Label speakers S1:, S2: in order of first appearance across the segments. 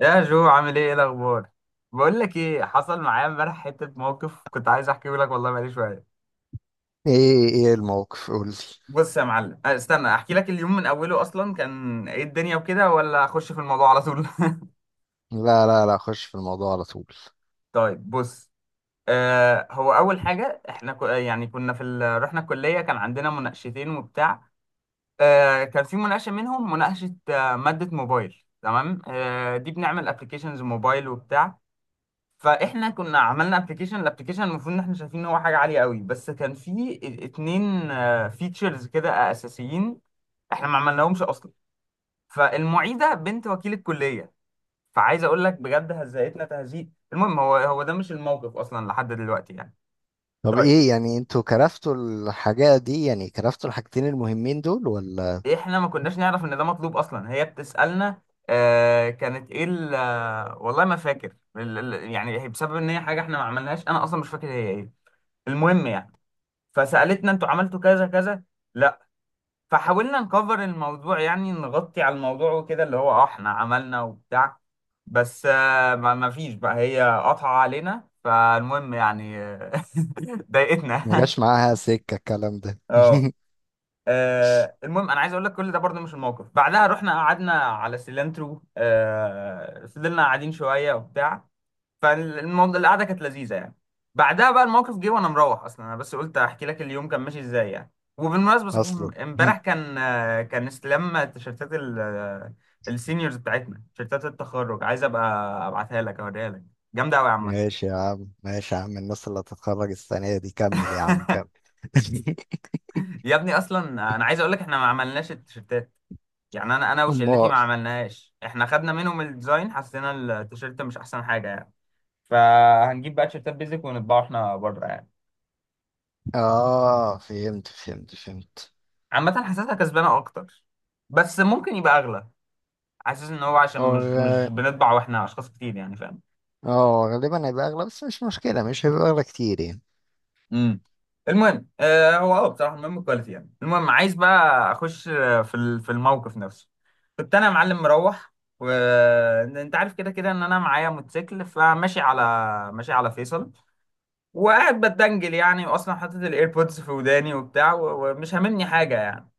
S1: يا جو، عامل ايه؟ ايه الاخبار؟ بقول لك ايه حصل معايا امبارح، حته موقف كنت عايز احكيه لك والله بقالي شويه.
S2: ايه ايه ايه الموقف؟ قولي.
S1: بص يا معلم. استنى احكي لك اليوم من اوله اصلا كان ايه الدنيا وكده، ولا اخش في الموضوع على طول؟
S2: لا لا لا، خش في الموضوع على طول.
S1: طيب بص. هو اول حاجه احنا يعني كنا في رحنا الكليه، كان عندنا مناقشتين وبتاع. كان في مناقشه منهم، مناقشه ماده موبايل، تمام؟ دي بنعمل ابلكيشنز موبايل وبتاع. فاحنا كنا عملنا ابلكيشن، الابلكيشن المفروض ان احنا شايفين ان هو حاجه عاليه قوي، بس كان في اتنين فيتشرز كده اساسيين احنا ما عملناهمش اصلا. فالمعيده بنت وكيل الكليه، فعايز اقول لك بجد هزقتنا تهزيق. المهم، هو ده مش الموقف اصلا لحد دلوقتي يعني.
S2: طب
S1: طيب،
S2: ايه يعني، انتوا كرفتوا الحاجة دي؟ يعني كرفتوا الحاجتين المهمين دول ولا؟
S1: احنا ما كناش نعرف ان ده مطلوب اصلا، هي بتسالنا. كانت ايه والله ما فاكر يعني هي بسبب ان هي حاجه احنا ما عملناهاش، انا اصلا مش فاكر هي ايه. المهم يعني، فسالتنا انتوا عملتوا كذا كذا؟ لا. فحاولنا نكفر الموضوع يعني، نغطي على الموضوع وكده، اللي هو اه احنا عملنا وبتاع. بس ما فيش بقى، هي قطع علينا. فالمهم يعني، ضايقتنا.
S2: ما جاش معاها سكة الكلام ده.
S1: اه. المهم انا عايز اقول لك، كل ده برضه مش الموقف. بعدها رحنا قعدنا على سيلانترو، فضلنا قاعدين شويه وبتاع. فالقعده كانت لذيذه يعني. بعدها بقى الموقف جه وانا مروح اصلا. انا بس قلت احكي لك اليوم كان ماشي ازاي يعني. وبالمناسبه صحيح،
S2: اصلا.
S1: امبارح كان كان استلام تيشيرتات السينيورز بتاعتنا، تيشيرتات التخرج. عايز ابقى ابعتها لك اوريها لك، جامده قوي يا عم.
S2: ماشي يا عم، ماشي يا عم، الناس اللي هتتخرج السنة دي. كمل يا عم كمل.
S1: يا ابني اصلا، انا عايز اقول لك احنا ما عملناش التيشيرتات. يعني انا وشلتي
S2: امال.
S1: ما عملناش. احنا خدنا منهم الديزاين، حسينا التيشيرت مش احسن حاجه يعني. فهنجيب بقى تيشيرتات بيزك ونطبعه احنا بره يعني.
S2: اه، فهمت فهمت فهمت.
S1: عامة حاسسها كسبانة أكتر، بس ممكن يبقى أغلى. حاسس إن هو عشان
S2: هو
S1: مش بنطبع وإحنا أشخاص كتير، يعني فاهم؟
S2: غالبا هيبقى اغلى، بس مش مشكلة، مش هيبقى اغلى كتير يعني.
S1: امم المهم آه هو اه بصراحة المهم الكواليتي يعني. المهم، عايز بقى أخش في في الموقف نفسه. كنت أنا يا معلم مروح، وأنت عارف كده كده إن أنا معايا موتوسيكل. فماشي على، ماشي على فيصل وقاعد بتدنجل يعني، وأصلا حاطط الإيربودز في وداني وبتاع، ومش هاممني حاجة يعني.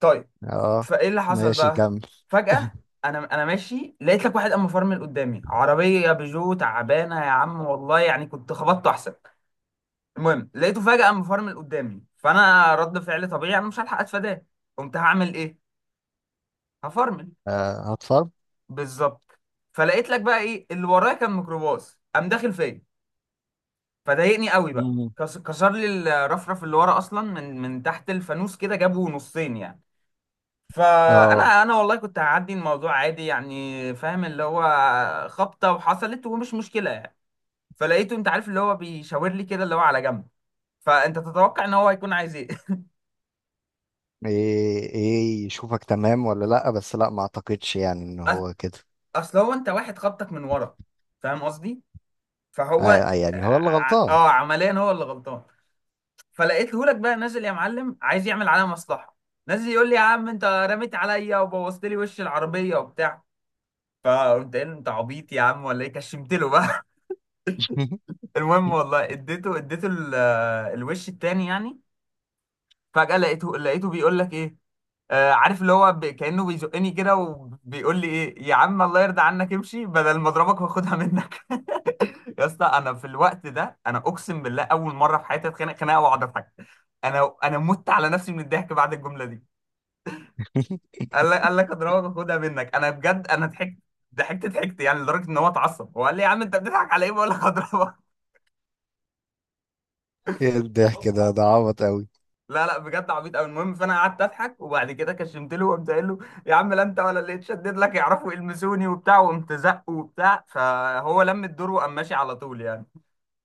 S1: طيب.
S2: اه،
S1: فايه اللي حصل
S2: ماشي
S1: بقى؟
S2: كمل.
S1: فجأة، انا ماشي لقيت لك واحد قام مفرمل قدامي، عربية بيجو تعبانة يا عم والله، يعني كنت خبطته احسن. المهم، لقيته فجأة قام مفرمل قدامي، فانا رد فعل طبيعي، انا مش هلحق اتفاداه، قمت هعمل ايه؟ هفرمل.
S2: آه، هتفرم.
S1: بالظبط. فلقيت لك بقى ايه اللي ورايا كان؟ ميكروباص قام داخل فيا. فضايقني قوي بقى، كسر لي الرفرف اللي ورا اصلا، من تحت الفانوس كده، جابه نصين يعني.
S2: اه.
S1: فانا والله كنت هعدي الموضوع عادي يعني، فاهم؟ اللي هو خبطه وحصلت ومش مشكله يعني. فلقيته، انت عارف اللي هو بيشاور لي كده اللي هو على جنب. فانت تتوقع ان هو هيكون عايز ايه؟
S2: ايه ايه، يشوفك تمام ولا لا؟ بس لا، ما اعتقدش يعني ان
S1: أص-
S2: هو كده.
S1: اصل هو انت واحد خبطك من ورا، فاهم قصدي؟
S2: آه
S1: فهو
S2: آه، يعني هو اللي غلطان.
S1: عمليا هو اللي غلطان. فلقيته لك بقى نازل يا معلم عايز يعمل عليا مصلحه. نازل يقول لي يا عم انت رميت عليا وبوظت لي وش العربيه وبتاع. فقمت قايل له انت عبيط يا عم ولا ايه؟ كشمت له. المهم والله اديته الوش التاني يعني. فجأة لقيته بيقول لك ايه؟ عارف اللي هو كأنه بيزقني كده وبيقول لي ايه، يا عم الله يرضى عنك امشي بدل ما اضربك واخدها منك. يا اسطى، انا في الوقت ده، انا اقسم بالله اول مره في حياتي اتخانق خناقه واقعد اضحك. انا مت على نفسي من الضحك بعد الجمله دي. قال لك، قال لك اضربك واخدها منك. انا بجد انا ضحكت، ضحكت يعني لدرجه ان هو اتعصب، هو قال لي يا عم انت بتضحك على ايه؟ بقول لك اضربك.
S2: ايه الضحك ده عبط قوي.
S1: لا لا، بجد عبيط قوي. المهم، فانا قعدت اضحك، وبعد كده كشمت له وقمت قايل له يا عم لا انت ولا اللي اتشدد لك يعرفوا يلمسوني وبتاع. وقمت زقه وبتاع، فهو لم الدور وقام ماشي على طول يعني.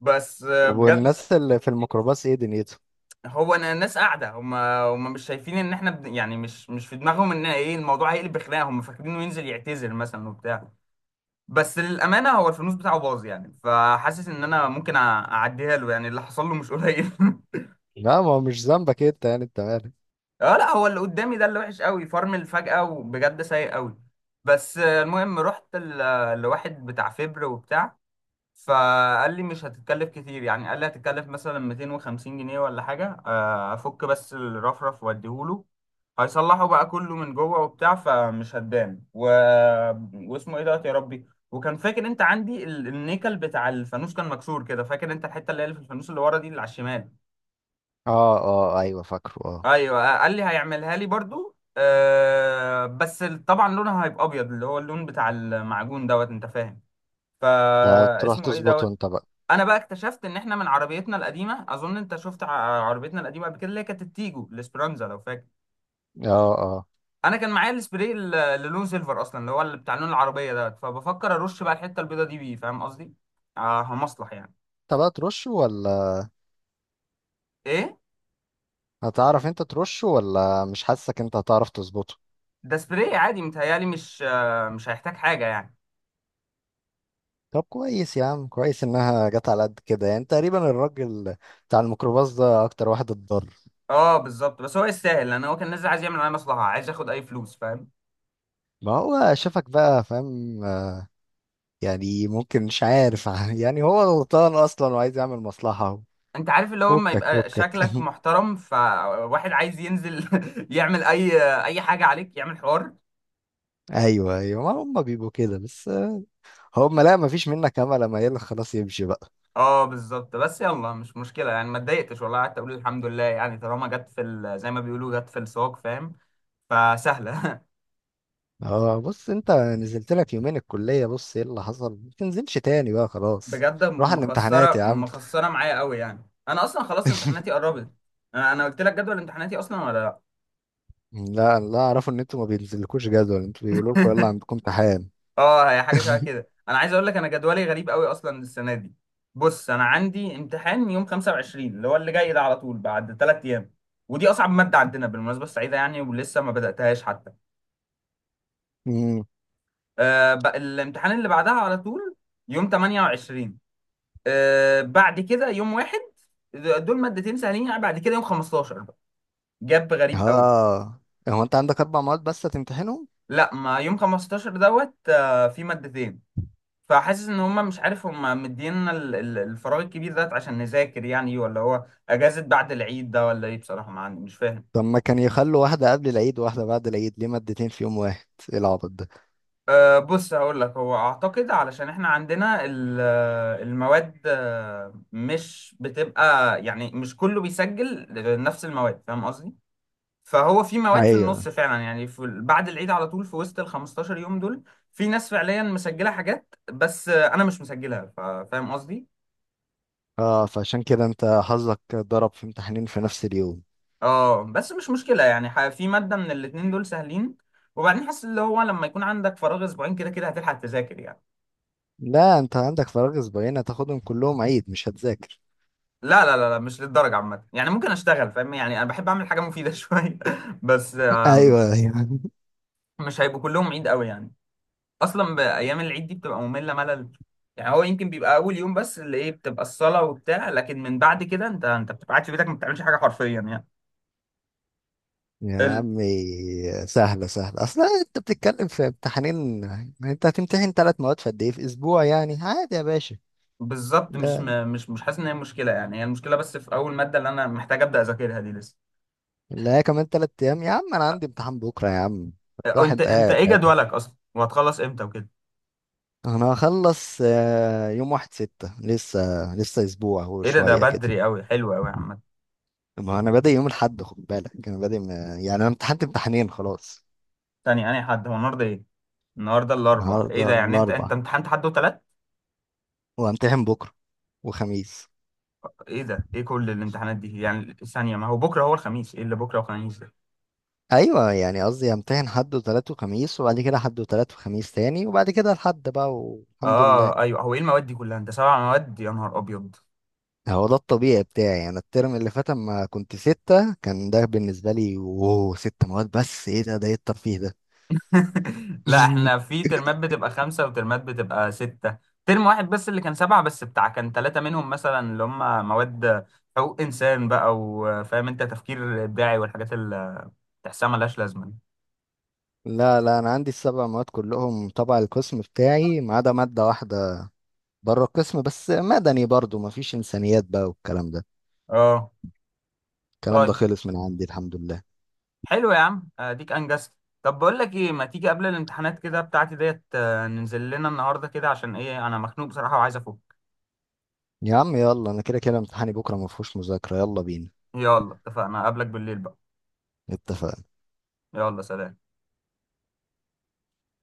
S1: بس
S2: طب
S1: بجد.
S2: والناس اللي في الميكروباص ايه دنيتهم؟
S1: هو انا الناس قاعده هم مش شايفين ان احنا يعني مش في دماغهم ان ايه، الموضوع هيقلب خناقه، هم فاكرينه ينزل يعتذر مثلا وبتاع. بس للامانه هو الفلوس بتاعه باظ يعني، فحاسس ان انا ممكن اعديها له يعني، اللي حصل له مش قليل.
S2: لا، ما هو مش ذنبك انت يعني، انت مالك.
S1: اه، لا هو اللي قدامي ده اللي وحش قوي، فرمل فجأة وبجد سيء قوي. بس المهم رحت لواحد بتاع فبر وبتاع. فقال لي مش هتتكلف كتير يعني، قال لي هتتكلف مثلا 250 جنيه ولا حاجة. افك بس الرفرف واديهوله، هيصلحه بقى كله من جوه وبتاع فمش هتبان و... واسمه ايه دوت، يا ربي. وكان فاكر انت عندي النيكل بتاع الفانوس كان مكسور كده؟ فاكر انت الحتة اللي هي اللي في الفانوس اللي ورا دي، اللي على الشمال؟
S2: اه اه، ايوه فاكره اه.
S1: ايوه. قال لي هيعملها لي برضو، أه، بس طبعا لونها هيبقى ابيض اللي هو اللون بتاع المعجون دوت، انت فاهم؟ فا
S2: فتروح
S1: اسمه ايه
S2: تظبطه
S1: دوت.
S2: انت بقى.
S1: انا بقى اكتشفت ان احنا من عربيتنا القديمه، اظن انت شفت عربيتنا القديمه قبل كده، اللي هي كانت التيجو الاسبرانزا لو فاكر.
S2: اه اه،
S1: انا كان معايا السبراي اللي لونه سيلفر اصلا، اللي هو اللي بتاع لون العربيه دوت. فبفكر ارش بقى الحته البيضه دي بيه، فاهم قصدي؟ اه مصلح يعني.
S2: انت بقى ترشه ولا؟
S1: ايه
S2: هتعرف انت ترشه ولا؟ مش حاسك انت هتعرف تظبطه.
S1: ده سبراي عادي، متهيالي مش هيحتاج حاجه يعني.
S2: طب كويس يا عم، كويس انها جت على قد كده، يعني تقريبا الراجل بتاع الميكروباص ده اكتر واحد اتضرر.
S1: اه بالظبط، بس هو يستاهل، لان هو كان نازل عايز يعمل معايا مصلحه، عايز ياخد اي فلوس، فاهم؟
S2: ما هو شافك بقى فاهم، يعني ممكن، مش عارف. يعني هو غلطان اصلا وعايز يعمل مصلحة.
S1: انت عارف اللي هو لما
S2: فكك
S1: يبقى شكلك
S2: فكك.
S1: محترم، فواحد عايز ينزل يعمل اي حاجه عليك، يعمل حوار.
S2: ايوه ايوه، ما هم بيبقوا كده. بس هم، لا ما فيش منك امل، اما يلا خلاص يمشي بقى.
S1: اه بالظبط، بس يلا مش مشكله يعني، ما اتضايقتش والله، قعدت اقول الحمد لله يعني، طالما جت في زي ما بيقولوا، جت في السوق، فاهم؟ فسهله.
S2: اه، بص، انت نزلت لك يومين الكلية، بص ايه اللي حصل. ما تنزلش تاني بقى خلاص.
S1: بجد
S2: روح على الامتحانات
S1: مخسره
S2: يا عم.
S1: مخسره معايا قوي يعني، انا اصلا خلاص امتحاناتي قربت. انا قلت لك جدول امتحاناتي اصلا ولا لا؟
S2: لا لا، اعرفوا ان انتوا ما بينزلكوش جدول، انتوا بيقولوا لكم يلا عندكم امتحان.
S1: اه، هي حاجه شبه كده. انا عايز اقول لك انا جدولي غريب قوي اصلا السنه دي. بص، انا عندي امتحان يوم 25، اللي هو اللي جاي ده على طول بعد ثلاث ايام، ودي اصعب ماده عندنا بالمناسبه السعيده يعني، ولسه ما بداتهاش حتى.
S2: امم.
S1: بقى الامتحان اللي بعدها على طول يوم 28. بعد كده يوم واحد، دول مادتين سهلين يعني. بعد كده يوم 15 بقى، جاب غريب قوي.
S2: اه، هو انت عندك اربع مواد بس هتمتحنهم؟
S1: لا، ما يوم 15 دوت في مادتين. فحاسس ان هم مش عارف، هم مدينا الفراغ الكبير ده عشان نذاكر يعني، ولا هو اجازة بعد العيد ده ولا ايه، بصراحة ما عندي، مش فاهم.
S2: طب ما كان يخلوا واحدة قبل العيد وواحدة بعد العيد، ليه مادتين في يوم واحد؟ ايه العبط ده.
S1: أه بص هقول لك، هو اعتقد علشان احنا عندنا المواد مش بتبقى يعني، مش كله بيسجل نفس المواد، فاهم قصدي؟ فهو في مواد في
S2: ايوه،
S1: النص فعلا يعني، في بعد العيد على طول في وسط ال 15 يوم دول. في ناس فعليا مسجلة حاجات بس انا مش مسجلها، فاهم قصدي؟
S2: اه فعشان كده انت حظك ضرب في امتحانين في نفس اليوم.
S1: اه، بس مش مشكلة يعني، في مادة من الاتنين دول سهلين. وبعدين حاسس اللي هو لما يكون عندك فراغ اسبوعين كده كده هتلحق تذاكر يعني.
S2: لا، انت عندك فراغ اسبوعين، هتاخدهم كلهم عيد، مش هتذاكر.
S1: لا، مش للدرجة. عامة يعني ممكن اشتغل، فاهم يعني؟ انا بحب اعمل حاجة مفيدة شوية. بس
S2: ايوه ايوه،
S1: مش هيبقوا كلهم عيد قوي يعني، اصلا بايام العيد دي بتبقى مملة ملل يعني. هو يمكن بيبقى اول يوم بس اللي ايه بتبقى الصلاة وبتاع، لكن من بعد كده انت بتبقى قاعد في بيتك، ما بتعملش حاجة حرفيا يعني.
S2: يا
S1: ال...
S2: عمي سهلة سهلة، اصلا انت بتتكلم في امتحانين، انت هتمتحن ثلاث مواد في قد ايه؟ في اسبوع، يعني عادي يا باشا.
S1: بالظبط. مش
S2: ده
S1: م... مش مش حاسس ان هي مشكلة يعني، هي المشكلة بس في اول مادة اللي انا محتاج ابدا اذاكرها دي لسه.
S2: لا، كمان 3 ايام يا عم، انا عندي امتحان بكرة يا عم.
S1: انت
S2: الواحد
S1: انت
S2: قاعد
S1: ايه
S2: قاعد.
S1: جدولك اصلا، وهتخلص امتى وكده؟
S2: انا هخلص يوم 1/6 لسه، لسه اسبوع
S1: ايه ده، ده
S2: وشوية كده.
S1: بدري قوي، حلو قوي يا عم.
S2: ما انا بادئ يوم الاحد، خد بالك، انا بادئ يعني انا امتحنت امتحانين خلاص.
S1: تاني انا، حد هو النهارده ايه؟ النهارده الاربع، ايه
S2: النهارده
S1: ده يعني؟ انت
S2: الاربع،
S1: امتحنت حد وتلات؟
S2: وامتحن بكرة، وخميس.
S1: ايه ده، ايه كل الامتحانات دي يعني؟ ثانيه، ما هو بكره هو الخميس، ايه اللي بكره وخميس ده؟
S2: ايوه، يعني قصدي امتحن حد وتلات وخميس، وبعد كده حد وتلات وخميس تاني، وبعد كده الحد بقى والحمد
S1: اه
S2: لله.
S1: ايوه، هو ايه المواد دي كلها؟ انت سبع مواد؟ يا نهار ابيض.
S2: هو ده الطبيعي بتاعي. انا الترم اللي فات اما كنت ستة كان ده بالنسبة لي اوه ست مواد، بس ايه ده ايه الترفيه ده؟
S1: لا، احنا في ترمات بتبقى خمسه وترمات بتبقى سته، ترم واحد بس اللي كان سبعه، بس بتاع كان ثلاثه منهم مثلا اللي هم مواد حقوق انسان بقى، وفاهم انت، تفكير ابداعي والحاجات تحسها ملهاش لازمه.
S2: لا لا، انا عندي السبع مواد كلهم تبع القسم بتاعي، ما عدا ماده واحده بره القسم، بس مدني برضو ما فيش انسانيات بقى والكلام ده.
S1: اه
S2: الكلام ده
S1: طيب،
S2: خلص من عندي الحمد لله.
S1: حلو يا عم، اديك انجزت. طب بقول لك ايه، ما تيجي قبل الامتحانات كده بتاعتي ديت، ننزل لنا النهارده كده، عشان ايه، انا مخنوق بصراحه وعايز افك.
S2: يا عم يلا، انا كده كده امتحاني بكره ما فيهوش مذاكره، يلا بينا.
S1: يلا، اتفقنا، اقابلك بالليل بقى.
S2: اتفقنا.
S1: يلا، سلام.